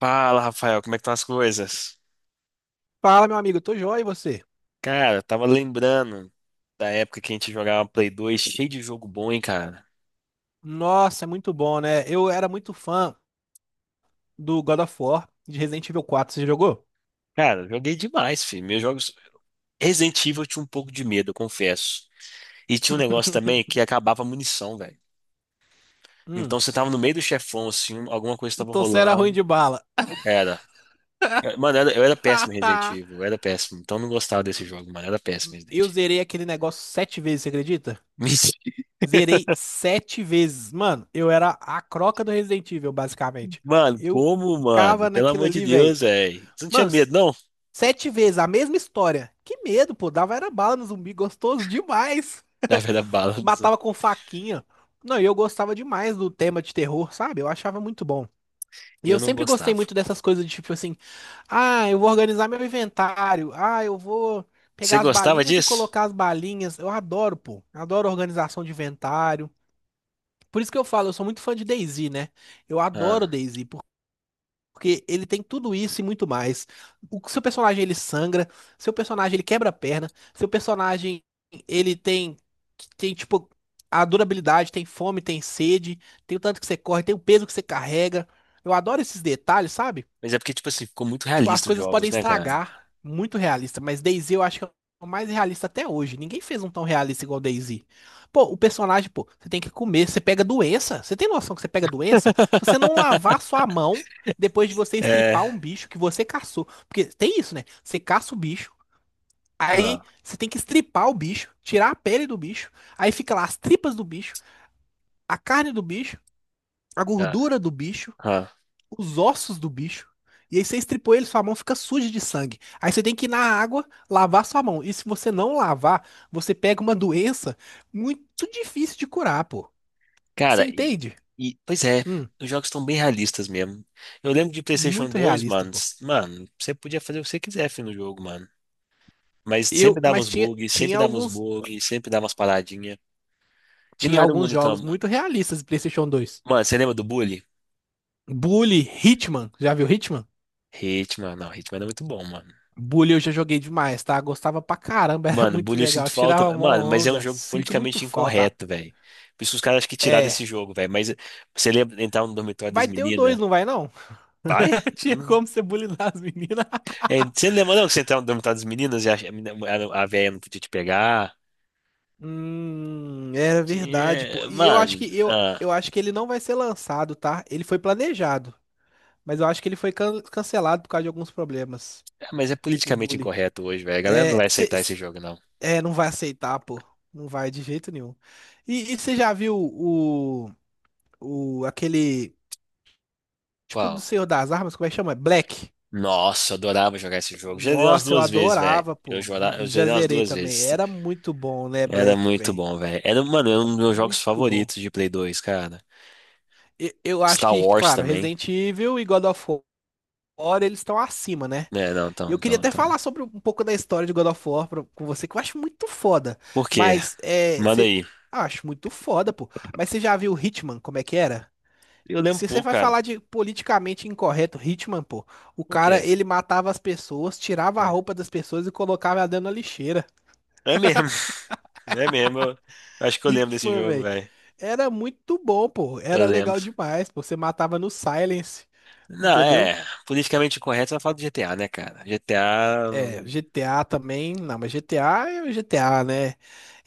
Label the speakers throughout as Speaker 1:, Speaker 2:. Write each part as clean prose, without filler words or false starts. Speaker 1: Fala, Rafael, como é que estão as coisas?
Speaker 2: Fala, meu amigo, tô joia e você?
Speaker 1: Cara, eu tava lembrando da época que a gente jogava Play 2, cheio de jogo bom, hein, cara?
Speaker 2: Nossa, é muito bom, né? Eu era muito fã do God of War de Resident Evil 4. Você jogou?
Speaker 1: Cara, eu joguei demais, filho. Meus jogos Resident Evil eu tinha um pouco de medo, eu confesso. E tinha um negócio também que acabava a munição, velho.
Speaker 2: Hum,
Speaker 1: Então você tava no meio do chefão, assim, alguma coisa tava
Speaker 2: então você era ruim
Speaker 1: rolando.
Speaker 2: de bala.
Speaker 1: Era. Mano, eu era péssimo em Resident Evil, eu era péssimo. Então eu não gostava desse jogo, mano. Eu era péssimo em
Speaker 2: Eu
Speaker 1: Resident Evil.
Speaker 2: zerei aquele negócio 7 vezes, você acredita? Zerei 7 vezes. Mano, eu era a croca do Resident Evil, basicamente.
Speaker 1: Mano,
Speaker 2: Eu
Speaker 1: como, mano?
Speaker 2: ficava
Speaker 1: Pelo
Speaker 2: naquilo
Speaker 1: amor de
Speaker 2: ali, velho.
Speaker 1: Deus, velho. Você não tinha
Speaker 2: Mano,
Speaker 1: medo, não?
Speaker 2: 7 vezes, a mesma história. Que medo, pô. Dava era bala no zumbi, gostoso demais.
Speaker 1: Da velha bala.
Speaker 2: Matava com faquinha. Não, e eu gostava demais do tema de terror, sabe? Eu achava muito bom. E
Speaker 1: Eu
Speaker 2: eu
Speaker 1: não
Speaker 2: sempre gostei
Speaker 1: gostava.
Speaker 2: muito dessas coisas de tipo assim, ah, eu vou organizar meu inventário, ah, eu vou
Speaker 1: Você
Speaker 2: pegar as
Speaker 1: gostava
Speaker 2: balinhas e
Speaker 1: disso?
Speaker 2: colocar as balinhas. Eu adoro, pô. Adoro organização de inventário. Por isso que eu falo, eu sou muito fã de DayZ, né? Eu adoro
Speaker 1: Ah,
Speaker 2: DayZ, porque ele tem tudo isso e muito mais. O seu personagem ele sangra, seu personagem ele quebra a perna, seu personagem ele tem tipo a durabilidade, tem fome, tem sede, tem o tanto que você corre, tem o peso que você carrega. Eu adoro esses detalhes, sabe?
Speaker 1: mas é porque, tipo assim, ficou muito
Speaker 2: Tipo, as
Speaker 1: realista os
Speaker 2: coisas podem
Speaker 1: jogos, né, cara?
Speaker 2: estragar. Muito realista. Mas DayZ eu acho que é o mais realista até hoje. Ninguém fez um tão realista igual DayZ. Pô, o personagem, pô, você tem que comer. Você pega doença. Você tem noção que você pega doença? Se você não lavar sua mão depois de você estripar
Speaker 1: É.
Speaker 2: um bicho que você caçou. Porque tem isso, né? Você caça o bicho. Aí
Speaker 1: Ah,
Speaker 2: você tem que estripar o bicho, tirar a pele do bicho, aí fica lá as tripas do bicho, a carne do bicho, a
Speaker 1: ah,
Speaker 2: gordura do bicho,
Speaker 1: ah.
Speaker 2: os ossos do bicho. E aí você estripou ele, sua mão fica suja de sangue. Aí você tem que ir na água lavar sua mão. E se você não lavar, você pega uma doença muito difícil de curar, pô. Você
Speaker 1: Cara, e,
Speaker 2: entende?
Speaker 1: pois é,
Speaker 2: Hum,
Speaker 1: os jogos estão bem realistas mesmo. Eu lembro de PlayStation
Speaker 2: muito
Speaker 1: dois,
Speaker 2: realista,
Speaker 1: mano.
Speaker 2: pô.
Speaker 1: Mano, você podia fazer o que você quiser filho, no jogo, mano. Mas sempre dava
Speaker 2: Mas
Speaker 1: uns
Speaker 2: tinha,
Speaker 1: bugs, sempre dava uns bugs, sempre dava umas paradinhas. E
Speaker 2: tinha
Speaker 1: não era o
Speaker 2: alguns
Speaker 1: mundo
Speaker 2: jogos
Speaker 1: tão.
Speaker 2: muito realistas do PlayStation 2.
Speaker 1: Mano, você lembra do Bully?
Speaker 2: Bully, Hitman, já viu Hitman?
Speaker 1: Hitman, não, Hitman era muito bom, mano.
Speaker 2: Bully eu já joguei demais, tá? Gostava pra caramba, era
Speaker 1: Mano,
Speaker 2: muito
Speaker 1: bullying eu
Speaker 2: legal,
Speaker 1: sinto falta.
Speaker 2: tirava mó
Speaker 1: Mano, mas é um
Speaker 2: onda.
Speaker 1: jogo
Speaker 2: Sinto muito
Speaker 1: politicamente
Speaker 2: falta.
Speaker 1: incorreto, velho. Por isso que os caras acham que tirar
Speaker 2: É,
Speaker 1: desse jogo, velho. Mas você lembra de entrar no dormitório das
Speaker 2: vai ter o
Speaker 1: meninas?
Speaker 2: 2 não vai não?
Speaker 1: Vai?
Speaker 2: Não tinha
Speaker 1: Hum.
Speaker 2: como você bulinar as meninas.
Speaker 1: É, você lembra não, que você entrava no dormitório das meninas e a velha não podia te pegar?
Speaker 2: Era verdade, pô. E eu acho
Speaker 1: Mano,
Speaker 2: que eu,
Speaker 1: ah,
Speaker 2: eu acho que ele não vai ser lançado, tá? Ele foi planejado, mas eu acho que ele foi cancelado por causa de alguns problemas.
Speaker 1: mas é
Speaker 2: O
Speaker 1: politicamente
Speaker 2: bully.
Speaker 1: incorreto hoje, velho. A galera não
Speaker 2: É,
Speaker 1: vai
Speaker 2: cê,
Speaker 1: aceitar esse jogo, não.
Speaker 2: é, não vai aceitar, pô. Não vai de jeito nenhum. E você já viu o, aquele tipo do
Speaker 1: Qual?
Speaker 2: Senhor das Armas, como é que chama? Black.
Speaker 1: Nossa, eu adorava jogar esse jogo. Já dei umas
Speaker 2: Nossa, eu
Speaker 1: duas vezes, velho.
Speaker 2: adorava,
Speaker 1: Eu
Speaker 2: pô.
Speaker 1: jogava, eu
Speaker 2: Já
Speaker 1: zerei umas
Speaker 2: zerei
Speaker 1: duas
Speaker 2: também.
Speaker 1: vezes.
Speaker 2: Era muito bom, né,
Speaker 1: Era
Speaker 2: Black,
Speaker 1: muito
Speaker 2: velho?
Speaker 1: bom, velho. Era, mano, era um dos meus jogos
Speaker 2: Muito bom.
Speaker 1: favoritos de Play 2, cara.
Speaker 2: E- Eu acho
Speaker 1: Star
Speaker 2: que,
Speaker 1: Wars
Speaker 2: claro,
Speaker 1: também.
Speaker 2: Resident Evil e God of War, eles estão acima, né?
Speaker 1: É, não,
Speaker 2: Eu
Speaker 1: então,
Speaker 2: queria
Speaker 1: então,
Speaker 2: até
Speaker 1: então.
Speaker 2: falar sobre um pouco da história de God of War pra- com você, que eu acho muito foda.
Speaker 1: Por quê?
Speaker 2: Mas, é,
Speaker 1: Manda
Speaker 2: cê-
Speaker 1: aí.
Speaker 2: ah, acho muito foda, pô. Mas você já viu Hitman, como é que era?
Speaker 1: Eu lembro um
Speaker 2: Se você
Speaker 1: pouco,
Speaker 2: vai
Speaker 1: cara.
Speaker 2: falar de politicamente incorreto, Hitman, pô, o
Speaker 1: Por
Speaker 2: cara,
Speaker 1: quê?
Speaker 2: ele matava as pessoas, tirava a roupa das pessoas e colocava ela dentro da lixeira.
Speaker 1: É mesmo. É mesmo. Eu acho que eu lembro desse
Speaker 2: Hitman,
Speaker 1: jogo,
Speaker 2: velho.
Speaker 1: velho.
Speaker 2: Era muito bom, pô.
Speaker 1: Eu
Speaker 2: Era
Speaker 1: lembro.
Speaker 2: legal demais, pô. Você matava no Silence,
Speaker 1: Não,
Speaker 2: entendeu?
Speaker 1: é. Politicamente correto, você vai falar do GTA, né, cara? GTA.
Speaker 2: É, GTA também, não, mas GTA é o GTA, né?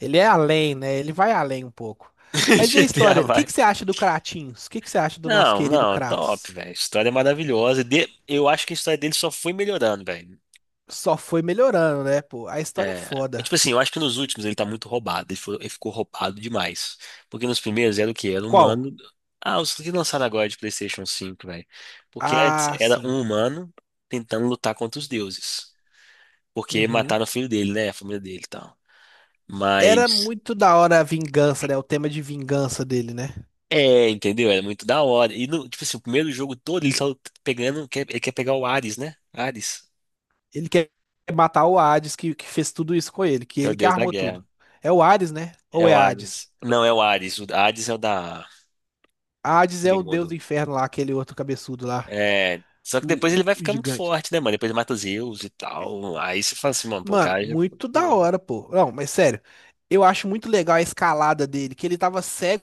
Speaker 2: Ele é além, né? Ele vai além um pouco. Mas e a
Speaker 1: GTA
Speaker 2: história? O que
Speaker 1: vai.
Speaker 2: que você acha do Kratinhos? O que que você acha do nosso
Speaker 1: Não,
Speaker 2: querido
Speaker 1: não, top,
Speaker 2: Kratos?
Speaker 1: velho. História maravilhosa. Eu acho que a história dele só foi melhorando, velho.
Speaker 2: Só foi melhorando, né, pô? A história é
Speaker 1: É, mas,
Speaker 2: foda.
Speaker 1: tipo assim, eu acho que nos últimos ele tá muito roubado. Ele ficou, roubado demais. Porque nos primeiros era o quê? Era um
Speaker 2: Qual?
Speaker 1: humano. Ah, os que lançaram agora de PlayStation 5 velho. Porque antes
Speaker 2: Ah,
Speaker 1: era
Speaker 2: sim.
Speaker 1: um humano tentando lutar contra os deuses. Porque
Speaker 2: Uhum.
Speaker 1: mataram o filho dele, né? A família dele e tal.
Speaker 2: Era
Speaker 1: Mas.
Speaker 2: muito da hora a vingança, né? O tema de vingança dele, né?
Speaker 1: É, entendeu? Era muito da hora. E, tipo assim, o primeiro jogo todo ele tá pegando. Ele quer pegar o Ares, né? Ares,
Speaker 2: Ele quer matar o Hades que fez tudo isso com
Speaker 1: que é o
Speaker 2: ele que
Speaker 1: deus da
Speaker 2: armou tudo.
Speaker 1: guerra.
Speaker 2: É o Hades, né?
Speaker 1: É
Speaker 2: Ou é
Speaker 1: o
Speaker 2: Hades?
Speaker 1: Ares. Não, é o Ares. O Ares é o da.
Speaker 2: Hades é o deus do
Speaker 1: Submundo.
Speaker 2: inferno lá, aquele outro cabeçudo lá.
Speaker 1: É, só que depois ele vai
Speaker 2: O
Speaker 1: ficar muito
Speaker 2: gigante.
Speaker 1: forte, né, mano? Depois ele mata o Zeus e tal. Aí você fala assim, mano, pô, o
Speaker 2: Mano,
Speaker 1: cara já foi,
Speaker 2: muito da
Speaker 1: pulou.
Speaker 2: hora, pô. Não, mas sério, eu acho muito legal a escalada dele, que ele tava cego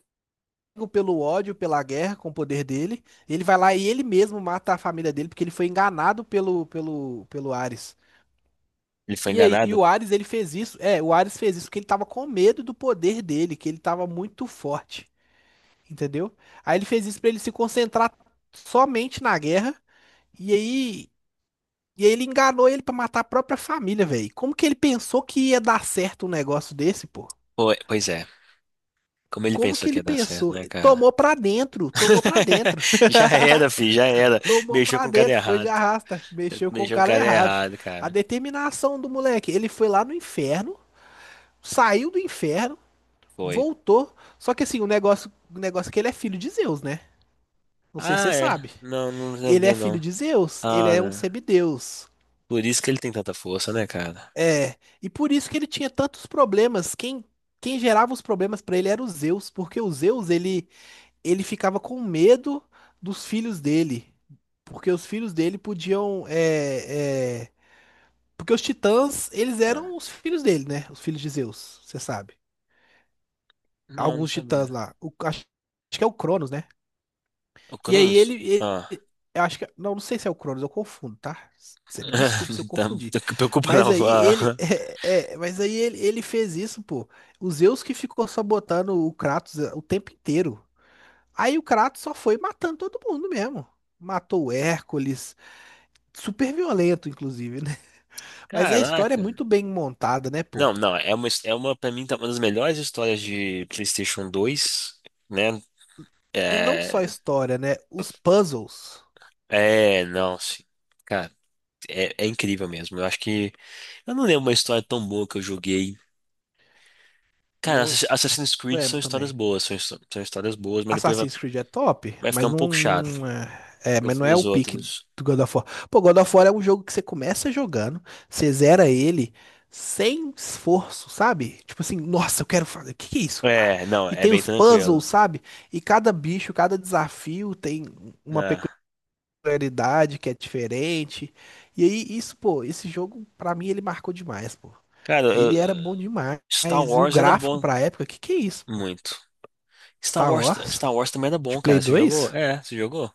Speaker 2: pelo ódio, pela guerra com o poder dele. Ele vai lá e ele mesmo mata a família dele porque ele foi enganado pelo Ares.
Speaker 1: Ele foi
Speaker 2: E aí, e
Speaker 1: enganado?
Speaker 2: o Ares ele fez isso, é, o Ares fez isso porque ele tava com medo do poder dele, que ele tava muito forte, entendeu? Aí ele fez isso pra ele se concentrar somente na guerra. E aí E aí ele enganou ele pra matar a própria família, velho. Como que ele pensou que ia dar certo um negócio desse, pô?
Speaker 1: Pô, pois é. Como ele
Speaker 2: Como
Speaker 1: pensou
Speaker 2: que
Speaker 1: que
Speaker 2: ele
Speaker 1: ia dar certo,
Speaker 2: pensou?
Speaker 1: né, cara?
Speaker 2: Tomou pra dentro, tomou pra dentro.
Speaker 1: Já era, filho, já era.
Speaker 2: Tomou
Speaker 1: Mexeu
Speaker 2: pra
Speaker 1: com o cara
Speaker 2: dentro, foi de
Speaker 1: errado.
Speaker 2: arrasta. Mexeu com o
Speaker 1: Mexeu com o
Speaker 2: cara
Speaker 1: cara
Speaker 2: errado. Fi.
Speaker 1: errado,
Speaker 2: A
Speaker 1: cara.
Speaker 2: determinação do moleque. Ele foi lá no inferno, saiu do inferno,
Speaker 1: Foi.
Speaker 2: voltou. Só que assim, o negócio é que ele é filho de Zeus, né? Não sei se você
Speaker 1: Ah, é.
Speaker 2: sabe.
Speaker 1: Não, não
Speaker 2: Ele é
Speaker 1: sabia,
Speaker 2: filho
Speaker 1: não.
Speaker 2: de Zeus, ele
Speaker 1: Ah,
Speaker 2: é um
Speaker 1: não.
Speaker 2: semideus.
Speaker 1: Por isso que ele tem tanta força, né, cara?
Speaker 2: É, e por isso que ele tinha tantos problemas. Quem gerava os problemas pra ele era o Zeus, porque o Zeus ele, ele ficava com medo dos filhos dele, porque os filhos dele podiam, porque os titãs eles
Speaker 1: Ah.
Speaker 2: eram os filhos dele, né? Os filhos de Zeus, você sabe?
Speaker 1: Não, não
Speaker 2: Alguns titãs
Speaker 1: sabia.
Speaker 2: lá, acho, que é o Cronos, né?
Speaker 1: O
Speaker 2: E aí
Speaker 1: Cronos? Ah.
Speaker 2: eu acho que, não, não sei se é o Cronos, eu confundo, tá? Você me desculpa se eu
Speaker 1: Não
Speaker 2: confundi.
Speaker 1: preocupa não.
Speaker 2: Mas aí ele,
Speaker 1: Ah.
Speaker 2: mas aí ele fez isso, pô. O Zeus que ficou sabotando o Kratos é, o tempo inteiro. Aí o Kratos só foi matando todo mundo mesmo. Matou o Hércules, super violento, inclusive, né? Mas a história é
Speaker 1: Caraca.
Speaker 2: muito bem montada, né, pô?
Speaker 1: Não, não, é uma, pra mim, tá uma das melhores histórias de PlayStation 2, né?
Speaker 2: E não só a
Speaker 1: É,
Speaker 2: história, né? Os puzzles,
Speaker 1: é, não, sim. Cara, é incrível mesmo. Eu acho que. Eu não lembro uma história tão boa que eu joguei. Cara,
Speaker 2: não
Speaker 1: Assassin's Creed
Speaker 2: lembro
Speaker 1: são histórias
Speaker 2: também.
Speaker 1: boas, são histórias boas, mas depois vai,
Speaker 2: Assassin's Creed é top,
Speaker 1: vai ficar
Speaker 2: mas
Speaker 1: um pouco chato. Eu
Speaker 2: mas não
Speaker 1: fui
Speaker 2: é o
Speaker 1: os
Speaker 2: pique
Speaker 1: outros.
Speaker 2: do God of War. Pô, God of War é um jogo que você começa jogando, você zera ele sem esforço, sabe? Tipo assim, nossa, eu quero fazer, o que que é isso? Ah,
Speaker 1: É, não,
Speaker 2: E
Speaker 1: é
Speaker 2: tem
Speaker 1: bem
Speaker 2: os
Speaker 1: tranquilo.
Speaker 2: puzzles, sabe? E cada bicho, cada desafio tem uma
Speaker 1: É.
Speaker 2: peculiaridade que é diferente. E aí, isso, pô, esse jogo, pra mim, ele marcou demais, pô.
Speaker 1: Cara,
Speaker 2: Ele era bom demais.
Speaker 1: Star
Speaker 2: E o
Speaker 1: Wars era
Speaker 2: gráfico
Speaker 1: bom,
Speaker 2: pra época, que é isso, pô?
Speaker 1: muito. Star
Speaker 2: Star
Speaker 1: Wars,
Speaker 2: Wars?
Speaker 1: Star Wars também era
Speaker 2: De
Speaker 1: bom, cara.
Speaker 2: Play
Speaker 1: Você jogou?
Speaker 2: 2?
Speaker 1: É, você jogou?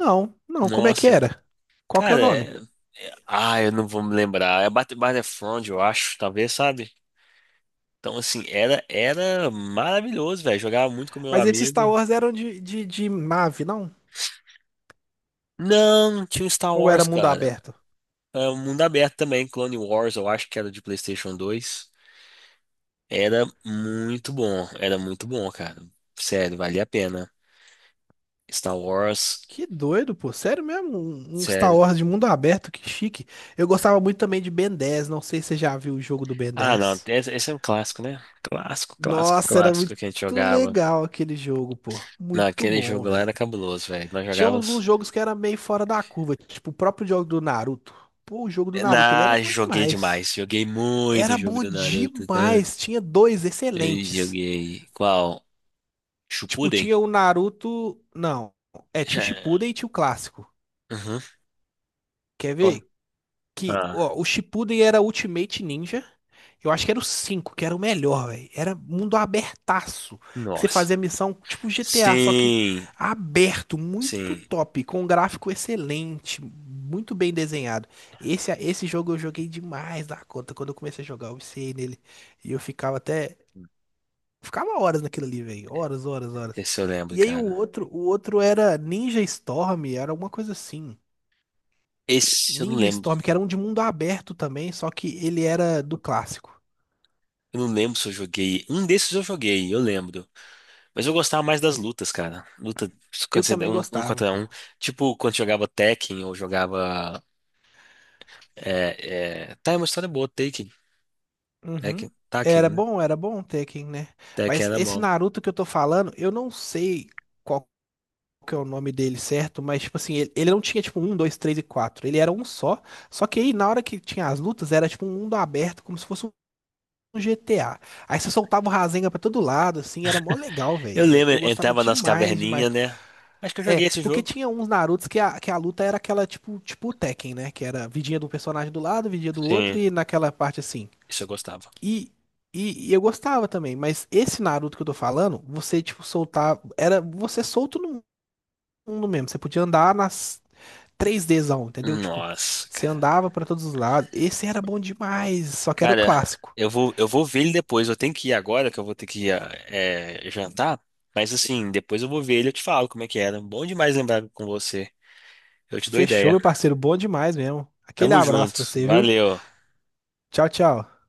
Speaker 2: Não, não, como é que
Speaker 1: Nossa.
Speaker 2: era? Qual que é o
Speaker 1: Cara,
Speaker 2: nome?
Speaker 1: eu não vou me lembrar. É Battlefront, eu acho, talvez, sabe? Então, assim, era maravilhoso, velho. Jogava muito com meu
Speaker 2: Mas esses Star
Speaker 1: amigo.
Speaker 2: Wars eram de nave, não?
Speaker 1: Não, tinha o Star
Speaker 2: Ou era
Speaker 1: Wars,
Speaker 2: mundo
Speaker 1: cara.
Speaker 2: aberto?
Speaker 1: É, o mundo aberto também, Clone Wars, eu acho que era de PlayStation 2. Era muito bom, cara. Sério, valia a pena. Star Wars,
Speaker 2: Que doido, pô. Sério mesmo? Um Star
Speaker 1: sério.
Speaker 2: Wars de mundo aberto, que chique. Eu gostava muito também de Ben 10. Não sei se você já viu o jogo do Ben
Speaker 1: Ah, não,
Speaker 2: 10.
Speaker 1: esse é um clássico, né? Clássico, clássico,
Speaker 2: Nossa, era
Speaker 1: clássico
Speaker 2: muito
Speaker 1: que a gente jogava.
Speaker 2: legal aquele jogo, pô. Muito
Speaker 1: Naquele
Speaker 2: bom,
Speaker 1: jogo lá
Speaker 2: velho.
Speaker 1: era cabuloso, velho. Nós
Speaker 2: Tinha alguns
Speaker 1: jogávamos.
Speaker 2: jogos que era meio fora da curva, tipo o próprio jogo do Naruto. Pô, o jogo do Naruto, ele era
Speaker 1: Ah,
Speaker 2: bom
Speaker 1: joguei
Speaker 2: demais.
Speaker 1: demais. Joguei muito o
Speaker 2: Era
Speaker 1: jogo
Speaker 2: bom
Speaker 1: do Naruto, cara.
Speaker 2: demais. Tinha dois
Speaker 1: Eu
Speaker 2: excelentes.
Speaker 1: joguei. Qual?
Speaker 2: Tipo,
Speaker 1: Shippuden?
Speaker 2: tinha o Naruto. Não. É, tinha o Shippuden e tinha o clássico.
Speaker 1: Uhum.
Speaker 2: Quer
Speaker 1: Qual?
Speaker 2: ver? Que,
Speaker 1: Ah,
Speaker 2: ó, o Shippuden era Ultimate Ninja. Eu acho que era o 5, que era o melhor, velho. Era mundo abertaço. Que você
Speaker 1: nossa.
Speaker 2: fazia missão tipo GTA, só que
Speaker 1: Sim,
Speaker 2: aberto, muito
Speaker 1: sim.
Speaker 2: top, com um gráfico excelente, muito bem desenhado. Esse jogo eu joguei demais da conta. Quando eu comecei a jogar, eu viciei nele. E eu ficava até. Ficava horas naquilo ali, velho. Horas, horas, horas.
Speaker 1: Esse eu lembro,
Speaker 2: E aí
Speaker 1: cara.
Speaker 2: o outro era Ninja Storm, era alguma coisa assim.
Speaker 1: Esse eu não
Speaker 2: Ninja
Speaker 1: lembro.
Speaker 2: Storm, que era um de mundo aberto também, só que ele era do clássico.
Speaker 1: Eu não lembro se eu joguei. Um desses eu joguei, eu lembro. Mas eu gostava mais das lutas, cara. Luta
Speaker 2: Eu
Speaker 1: quando você,
Speaker 2: também
Speaker 1: um
Speaker 2: gostava,
Speaker 1: contra
Speaker 2: pô.
Speaker 1: um. Tipo, quando jogava Tekken ou jogava. É. Tá, é uma história boa, Tekken.
Speaker 2: Uhum.
Speaker 1: Tekken, Tekken, né?
Speaker 2: Era bom o Tekken, né?
Speaker 1: Tekken
Speaker 2: Mas
Speaker 1: era
Speaker 2: esse
Speaker 1: bom.
Speaker 2: Naruto que eu tô falando, eu não sei qual que é o nome dele certo, mas tipo assim, ele não tinha tipo um, dois, três e quatro. Ele era um só. Só que aí na hora que tinha as lutas, era tipo um mundo aberto, como se fosse no GTA. Aí você soltava o Rasengan pra todo lado, assim, era mó legal,
Speaker 1: Eu
Speaker 2: velho.
Speaker 1: lembro,
Speaker 2: Eu gostava
Speaker 1: entrava nas
Speaker 2: demais, demais.
Speaker 1: caverninhas, né? Acho que eu
Speaker 2: É,
Speaker 1: joguei esse
Speaker 2: porque
Speaker 1: jogo.
Speaker 2: tinha uns Narutos que que a luta era aquela, tipo o Tekken, né? Que era vidinha de um personagem do lado, vidinha do outro,
Speaker 1: Sim,
Speaker 2: e naquela parte assim.
Speaker 1: isso eu gostava.
Speaker 2: E, e eu gostava também, mas esse Naruto que eu tô falando, você, tipo, soltava. Era você solto no mundo mesmo. Você podia andar nas 3Dzão, entendeu? Tipo,
Speaker 1: Nossa,
Speaker 2: você
Speaker 1: cara.
Speaker 2: andava pra todos os lados. Esse era bom demais, só que era o
Speaker 1: Cara,
Speaker 2: clássico.
Speaker 1: eu vou ver ele depois. Eu tenho que ir agora, que eu vou ter que ir jantar. Mas assim, depois eu vou ver ele e eu te falo como é que era. Bom demais lembrar com você. Eu te dou
Speaker 2: Fechou,
Speaker 1: ideia.
Speaker 2: meu parceiro. Bom demais mesmo. Aquele
Speaker 1: Tamo
Speaker 2: abraço
Speaker 1: junto.
Speaker 2: pra você, viu?
Speaker 1: Valeu.
Speaker 2: Tchau, tchau.